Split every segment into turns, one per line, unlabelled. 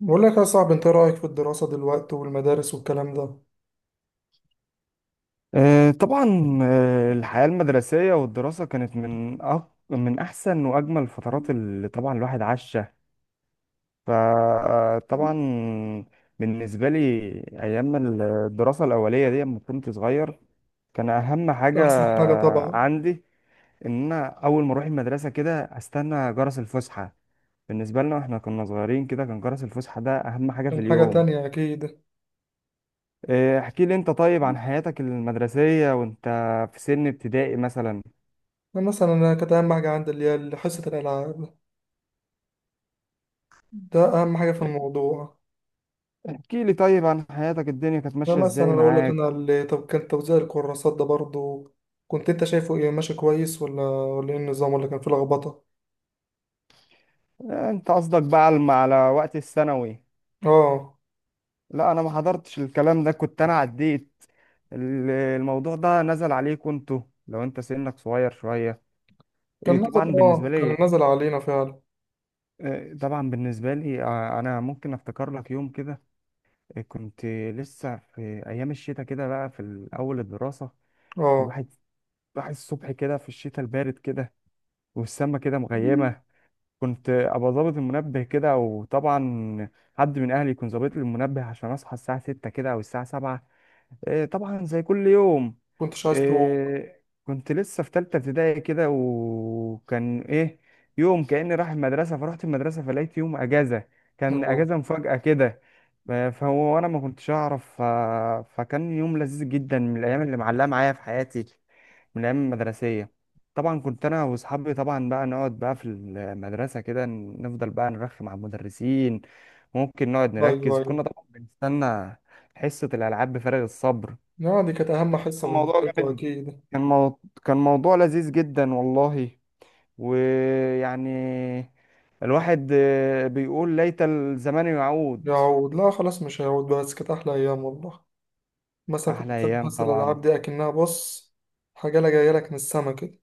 بقول لك يا صاحبي، انت رأيك في الدراسة دلوقتي والمدارس والكلام ده؟
آه، طبعا. الحياة المدرسية والدراسة كانت من من أحسن وأجمل الفترات اللي طبعا الواحد عاشها. فطبعا بالنسبة لي أيام الدراسة الأولية دي لما كنت صغير كان أهم حاجة
أحسن حاجة طبعا.
عندي إن أنا أول ما أروح المدرسة كده أستنى جرس الفسحة. بالنسبة لنا إحنا كنا صغيرين كده، كان جرس الفسحة ده أهم حاجة في
كان حاجة
اليوم.
تانية أكيد.
احكي لي أنت طيب عن حياتك المدرسية وأنت في سن ابتدائي مثلا.
أنا مثلا كانت أهم حاجة عندي اللي هي حصة الألعاب. ده أهم حاجة في الموضوع.
احكي لي طيب عن حياتك، الدنيا كانت
أنا
ماشية
مثلا
ازاي
أقول لك
معاك.
أنا اللي طب، كان توزيع الكراسات ده برضو كنت أنت شايفه إيه، ماشي كويس ولا إيه النظام، ولا كان فيه لخبطة؟
انت قصدك بقى على وقت الثانوي.
آه،
لا انا ما حضرتش الكلام ده، كنت انا عديت. الموضوع ده نزل عليك انتوا لو انت سنك صغير شوية.
كان
إيه،
نزل،
طبعا بالنسبة
آه، كان
لي.
نزل علينا فعلا.
انا ممكن افتكر لك يوم كده. كنت لسه في ايام الشتاء كده بقى في اول الدراسة.
آه.
الواحد راح الصبح كده في الشتاء البارد كده، والسما كده مغيمة. كنت ابقى ظابط المنبه كده، وطبعا حد من اهلي يكون ظابط لي المنبه عشان اصحى الساعه 6 كده او الساعه 7. طبعا زي كل يوم.
كنتش عايز تقوم.
آه، كنت لسه في تالتة ابتدائي كده، وكان ايه، يوم كأني رايح المدرسة فرحت المدرسة فلقيت يوم اجازة، كان
آه.
اجازة مفاجأة كده. فهو وانا ما كنتش اعرف. فكان يوم لذيذ جدا من الايام اللي معلقة معايا في حياتي، من الايام المدرسية. طبعا كنت انا واصحابي، طبعا بقى نقعد بقى في المدرسة كده نفضل بقى نرخم على المدرسين، ممكن نقعد
أيوه
نركز. كنا
أيوه.
طبعا بنستنى حصة الألعاب بفارغ الصبر.
يعني دي كانت أهم حصة
كان موضوع
بالنسبة لكم
جامد،
أكيد.
كان موضوع لذيذ جدا والله. ويعني الواحد بيقول ليت الزمان يعود.
يعود؟ لا خلاص، مش هيعود، بس كانت أحلى أيام والله. مثلا كنت
أحلى
بتسمع
أيام
حصة
طبعا.
الألعاب دي أكنها، بص، حاجة لا، جاية لك من السما كده.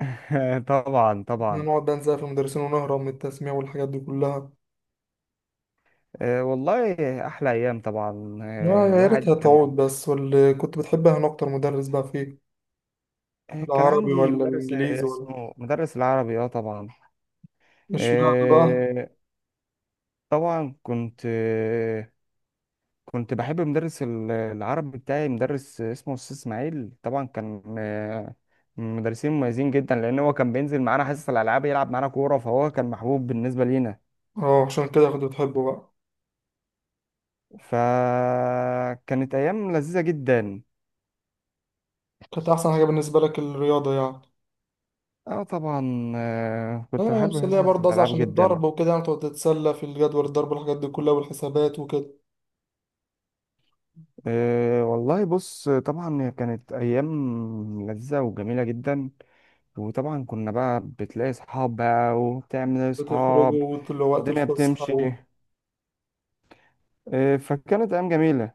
طبعا
إحنا
طبعا.
نقعد بقى نزعل في المدرسين ونهرب من التسميع والحاجات دي كلها.
والله أحلى أيام طبعا.
يا
آه،
يا
الواحد
ريتها
كان
تعود بس. واللي كنت بتحبها أنا أكتر مدرس بقى فيه،
آه، كان
العربي
عندي
ولا
مدرس
الإنجليزي ولا؟
اسمه مدرس العربي، اه طبعا.
اشمعنى بقى؟
آه، طبعا كنت كنت بحب مدرس العربي بتاعي، مدرس اسمه أستاذ إسماعيل. طبعا كان من مدرسين مميزين جدا، لأن هو كان بينزل معانا حصص الألعاب يلعب معانا كورة، فهو كان محبوب بالنسبة لينا.
اه، عشان كده كنت بتحبه بقى.
فكانت أيام لذيذة جدا.
كانت أحسن حاجة بالنسبة لك الرياضة يعني.
اه طبعا، كنت
أنا يوم
بحب
السلية
حصص
برضه أصلا،
الالعاب
عشان
جدا.
الضرب وكده، يعني تقعد تتسلى في الجدول الضرب والحاجات دي كلها والحسابات وكده.
أه والله بص، طبعا هي كانت ايام لذيذه وجميله جدا، وطبعا كنا بقى بتلاقي صحاب بقى وبتعمل صحاب.
بتخرجوا وقت
الدنيا بتمشي.
الفسحة.
إيه، فكانت أيام جميلة.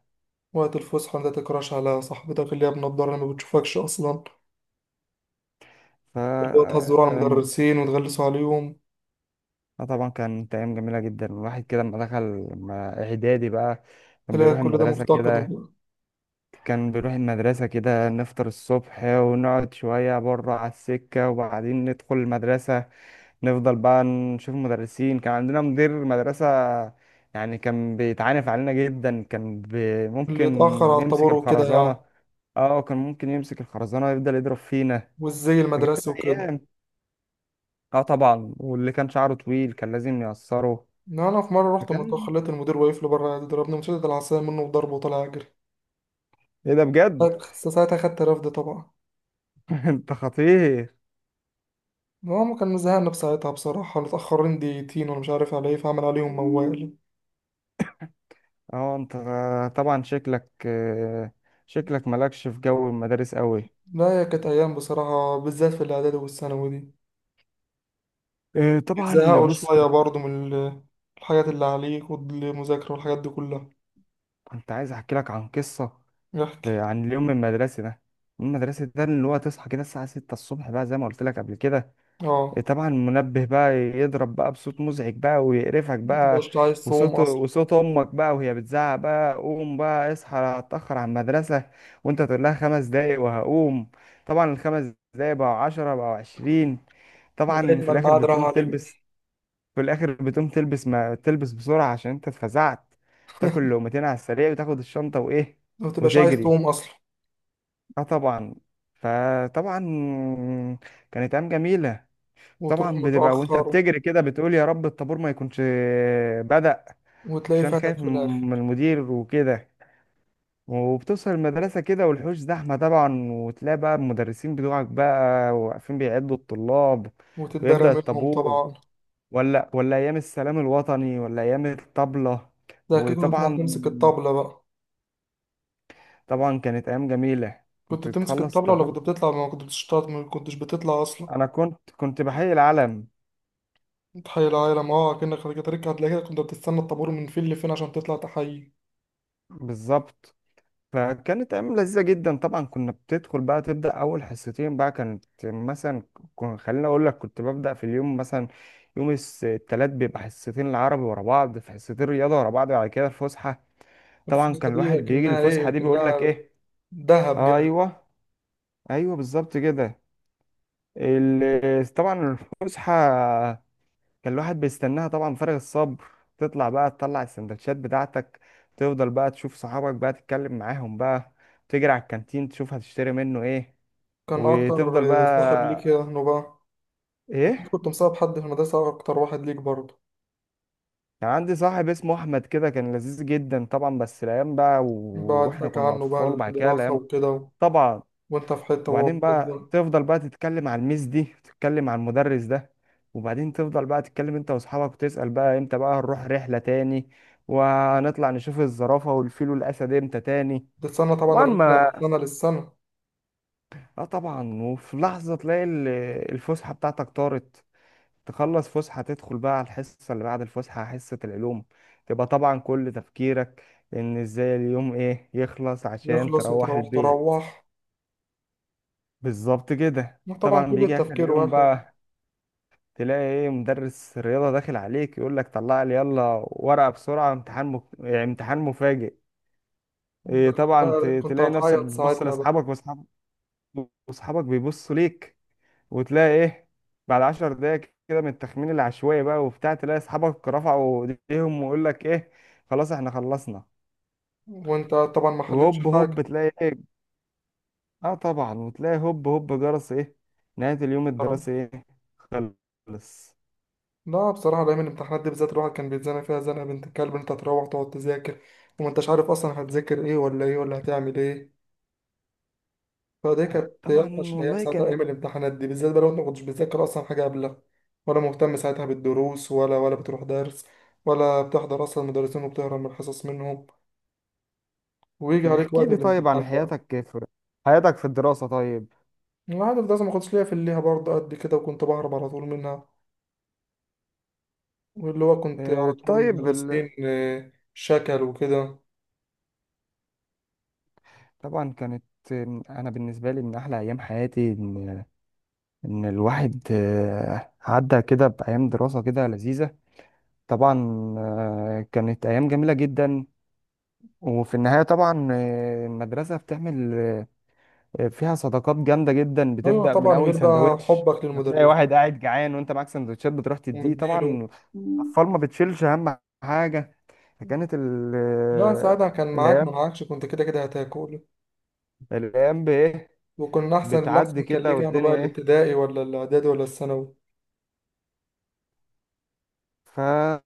وقت الفسحة انت تكراش على صاحبتك اللي هي بنضارة اللي ما بتشوفكش أصلا،
ف
اللي هو تهزروا على
آم،
المدرسين وتغلسوا عليهم.
طبعا كانت أيام جميلة جدا. الواحد كده لما إعدادي بقى كان
تلاقي
بيروح
كل ده
المدرسة
مفتقد
كده
وكده.
كان بيروح المدرسة كده، نفطر الصبح ونقعد شوية بره على السكة وبعدين ندخل المدرسة. نفضل بقى نشوف مدرسين، كان عندنا مدير مدرسة يعني كان بيتعانف علينا جدا، كان بي
اللي
ممكن
يتأخر على
يمسك
الطابور وكده يعني.
الخرزانة. اه كان ممكن يمسك الخرزانة ويفضل يضرب فينا،
والزي
فكانت
المدرسي وكده.
أيام. اه طبعا، واللي كان شعره طويل كان لازم يقصره.
إن أنا في مرة
ده
رحت
كان
متأخر، لقيت المدير واقف لي بره، ضربني مشدد العصاية منه وضربه وطلع أجري.
ايه ده بجد!
ساعتها خدت رفد طبعا.
انت خطير.
هو كان مزهقنا بساعتها بصراحة، متأخرين دقيقتين وأنا مش عارف على إيه، فعمل عليهم موال.
اه انت طبعا شكلك شكلك مالكش في جو المدارس قوي.
لا هي كانت أيام بصراحة، بالذات في الإعدادي والثانوي دي
طبعا
يزهقوا
بص،
شوية
كنت
برضو من الحاجات اللي عليك والمذاكرة والحاجات دي كلها.
كنت عايز احكي لك عن قصه،
يحكي.
عن اليوم المدرسي ده، المدرسي ده اللي هو تصحى كده الساعه 6 الصبح بقى زي ما قلت لك قبل كده.
اه.
طبعا المنبه بقى يضرب بقى بصوت مزعج بقى ويقرفك بقى،
متبقاش عايز تقوم أصلا.
وصوت امك بقى وهي بتزعق بقى قوم بقى اصحى أنا هتاخر على المدرسه، وانت تقول لها خمس دقايق وهقوم. طبعا الخمس دقايق بقوا عشرة بقوا عشرين. طبعا
لغاية
في
ما
الاخر
الميعاد راح
بتقوم تلبس،
عليك.
ما تلبس بسرعه عشان انت اتفزعت، تاكل لقمتين على السريع وتاخد الشنطه وايه
متبقاش عايز
وتجري.
تقوم أصلا.
اه طبعا. فطبعا كانت ايام جميله.
وتروح
طبعا بتبقى وانت
متأخر.
بتجري كده بتقول يا رب الطابور ما يكونش بدأ،
وتلاقي
عشان
فاتك
خايف
في الآخر.
من المدير وكده. وبتوصل المدرسة كده والحوش زحمة طبعا، وتلاقي بقى المدرسين بتوعك بقى واقفين بيعدوا الطلاب
وتتدرى
ويبدأ
منهم
الطابور.
طبعا.
ولا أيام السلام الوطني ولا أيام الطبلة.
ده أكيد كنت بتطلع
وطبعا
تمسك الطبلة بقى.
طبعا كانت أيام جميلة.
كنت
كنت
بتمسك
تخلص
الطبلة، ولا كنت
الطابور،
بتطلع، ما كنت بتشتغل، ما كنتش بتطلع أصلا؟
أنا كنت، بحيي العلم.
تحيي العالم، اه، أكنك خارج تركة هتلاقي كده. كنت بتستنى الطابور من فين لفين عشان تطلع تحيي.
بالظبط. فكانت ايام لذيذه جدا. طبعا كنا بتدخل بقى تبدا اول حصتين بقى، كانت مثلا، خليني اقول لك كنت ببدا في اليوم مثلا يوم الثلاث بيبقى حصتين العربي ورا بعض، في حصتين رياضه ورا بعض، بعد كده الفسحه. طبعا
الفرصة
كان
دي
الواحد بيجي
أكنها إيه،
الفسحه دي بيقول لك
أكنها
ايه.
دهب جاي.
ايوه ايوه بالظبط كده. طبعا الفسحه كان الواحد بيستناها طبعا فارغ الصبر. تطلع السندوتشات بتاعتك، تفضل بقى تشوف صحابك بقى تتكلم معاهم بقى، تجري على الكانتين تشوف هتشتري منه ايه،
كان
وتفضل
أكتر صاحب ليك إيه
بقى
عنه بقى؟ أكيد
ايه.
كنت مصاحب حد في المدرسة أكتر، واحد ليك برضه.
كان عندي صاحب اسمه احمد كده، كان لذيذ جدا طبعا. بس الايام بقى واحنا
بعدتك
كنا
عنه بقى
اطفال وبعد كده
الدراسة
الايام.
وكده و...
طبعا.
وأنت في حتة وهو
وبعدين
في
بقى
حتة.
تفضل بقى تتكلم على الميس دي، تتكلم على المدرس ده. وبعدين تفضل بقى تتكلم انت واصحابك وتسأل بقى امتى بقى هنروح رحلة تاني، وهنطلع نشوف الزرافة والفيل والأسد امتى تاني.
تستنى طبعا
طبعا
الرحلة من
ما
سنة للسنة.
اه طبعا. وفي لحظة تلاقي الفسحة بتاعتك طارت، تخلص فسحة تدخل بقى على الحصة اللي بعد الفسحة حصة العلوم. تبقى طبعا كل تفكيرك ان ازاي اليوم ايه يخلص عشان
يخلص
تروح
وتروح،
البيت.
تروح.
بالظبط كده.
طبعا
طبعا
كل
بيجي اخر
التفكير
اليوم
واحد.
بقى، تلاقي ايه، مدرس رياضة داخل عليك يقول لك طلع لي يلا ورقة بسرعة امتحان يعني امتحان مفاجئ.
أنت
إيه
كنت
طبعا.
بقى كنت
تلاقي نفسك
هتعيط
بتبص
ساعتها بقى.
لاصحابك، واصحابك بيبصوا ليك، وتلاقي ايه بعد عشر دقايق كده من التخمين العشوائي بقى وبتاع، تلاقي اصحابك رفعوا ايديهم ويقول لك ايه خلاص احنا خلصنا.
وأنت طبعا ما حلتش
وهوب هوب
حاجة.
تلاقي ايه. اه طبعا. وتلاقي هوب هوب جرس ايه، نهاية اليوم الدراسي ايه خلص.
لا بصراحة دايما الامتحانات دي بالذات الواحد كان بيتزنق فيها زنقة بنت الكلب. أنت تروح تقعد تذاكر وما أنتش عارف أصلا هتذاكر إيه، ولا إيه، ولا هتعمل إيه. فدي كانت
طبعا
أوحش الأيام
والله
ساعتها،
كانت.
أيام الامتحانات دي بالذات بقى، لو أنت ما كنتش بتذاكر أصلا حاجة قبلها، ولا مهتم ساعتها بالدروس، ولا بتروح درس، ولا بتحضر أصلا المدرسين، وبتهرب من الحصص منهم، ويجي عليك
احكي
وقت
لي طيب عن
الامتحان بقى.
حياتك في، الدراسة طيب.
العادة في ده ما كنتش ليا في الليها برضه قد كده، وكنت بهرب على طول منها. واللي هو كنت على
آه،
طول
طيب ال...
المدرسين، شكل وكده.
طبعا كانت. أنا بالنسبة لي من أحلى أيام حياتي إن الواحد عدى كده بأيام دراسة كده لذيذة. طبعا كانت أيام جميلة جدا. وفي النهاية طبعا المدرسة بتعمل فيها صداقات جامدة جدا
أيوة
بتبدأ من
طبعا،
أول
غير بقى
سندوتش.
حبك
هتلاقي
للمدرس.
واحد قاعد جعان وأنت معاك سندوتشات بتروح تديه
ومديله.
طبعا.
مم.
الأطفال ما بتشيلش أهم حاجة. فكانت
لا ساعتها كان معاك ما
الايام،
معاكش، كنت كده كده هتاكل.
بايه
وكنا أحسن،
بتعدي
الأحسن كان ليه؟
كده،
كانوا بقى
والدنيا ايه.
الابتدائي ولا الإعدادي ولا الثانوي؟
فان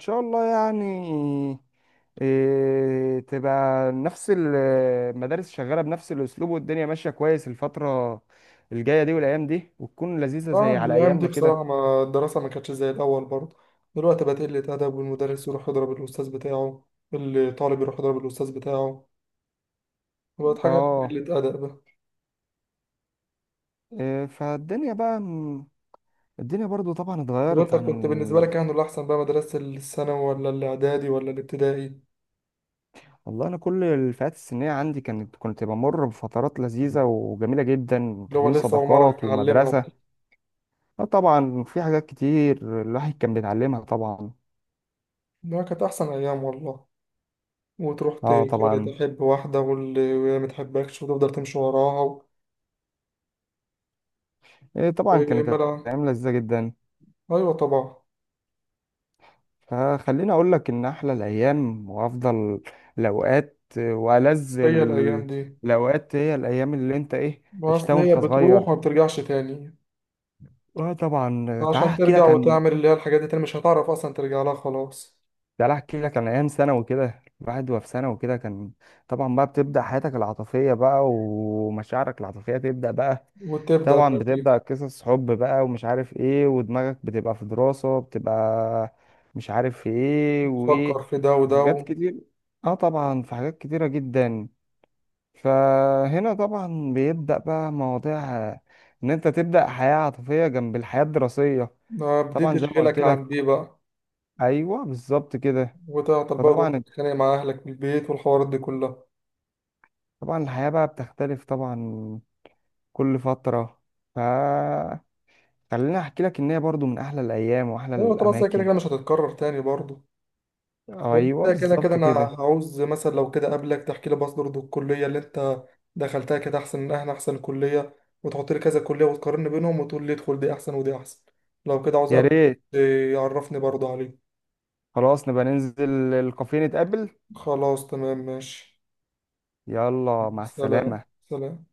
شاء الله يعني إيه، تبقى نفس المدارس شغاله بنفس الاسلوب، والدنيا ماشيه كويس الفتره الجايه دي والايام دي، وتكون لذيذه
اه
زي على
الأيام دي
ايامنا
بصراحة
كده.
ما الدراسة ما كانتش زي الأول برضه. دلوقتي بقت قلة أدب، والمدرس يروح يضرب الأستاذ بتاعه، الطالب يروح يضرب الأستاذ بتاعه. وبقت حاجة
اه.
قلة أدب بقى.
إيه فالدنيا بقى الدنيا برضو طبعا اتغيرت
وأنت
عن.
كنت، بالنسبة لك كانوا الأحسن بقى مدرسة الثانوي ولا الإعدادي ولا الابتدائي؟
والله انا كل الفئات السنيه عندي كانت، كنت بمر بفترات لذيذه وجميله جدا
اللي هو
تكوين
لسه أول مرة
صداقات
تتعلمها وكده.
ومدرسه. آه طبعا في حاجات كتير الواحد كان بيتعلمها طبعا.
ده كانت أحسن أيام والله. وتروح
اه طبعا.
تحب واحدة واللي ما تحبكش، وتفضل تمشي وراها و...
إيه طبعا
وما
كانت
لا.
ايام لذيذه جدا.
أيوة طبعا.
فخليني اقول لك ان احلى الايام وافضل الاوقات
هي الأيام دي
الاوقات هي الايام اللي انت ايه عشتها
أصل هي
وانت صغير.
بتروح وما بترجعش تاني.
اه طبعا، تعال
عشان
احكي
ترجع
لك عن
وتعمل اللي هي الحاجات دي تاني، مش هتعرف أصلا ترجع لها خلاص.
ده. لا، احكي لك عن ايام ثانوي كده. الواحد وهو في ثانوي كده كان طبعا بقى بتبدا حياتك العاطفيه بقى، ومشاعرك العاطفيه تبدا بقى.
وتبدأ
طبعا
بقى فيه.
بتبدا قصص حب بقى ومش عارف ايه، ودماغك بتبقى في دراسه بتبقى مش عارف في ايه وايه.
تفكر في ده وده
حاجات
و...
كتير. اه طبعا في حاجات كتيره جدا. فهنا طبعا بيبدا بقى مواضيع ان انت تبدا حياه عاطفيه جنب الحياه الدراسيه.
ما بديت
طبعا زي ما قلت
تشغلك عن
لك.
دي بقى.
ايوه بالظبط كده.
وتعطل بقى وتروح
فطبعا
تتخانق مع أهلك في البيت والحوارات دي كلها.
طبعا الحياة بقى بتختلف طبعا كل فترة. ف خليني احكي لك ان هي برضو من احلى الايام واحلى
أيوة طبعا أصل هي كده
الاماكن.
كده مش هتتكرر تاني برضه. وانت
ايوه
كده كده،
بالظبط
انا
كده.
هعوز مثلا لو كده قبلك تحكي لي بس برضه الكليه اللي انت دخلتها كانت احسن، من احنا احسن كليه، وتحط لي كذا كليه وتقارن بينهم وتقول لي ادخل دي احسن ودي احسن. لو كده عاوز
يا
قبلك،
ريت.
إيه، يعرفني برضه عليه.
خلاص نبقى ننزل الكافيه نتقابل.
خلاص تمام ماشي.
يلا مع
سلام.
السلامة.
سلام.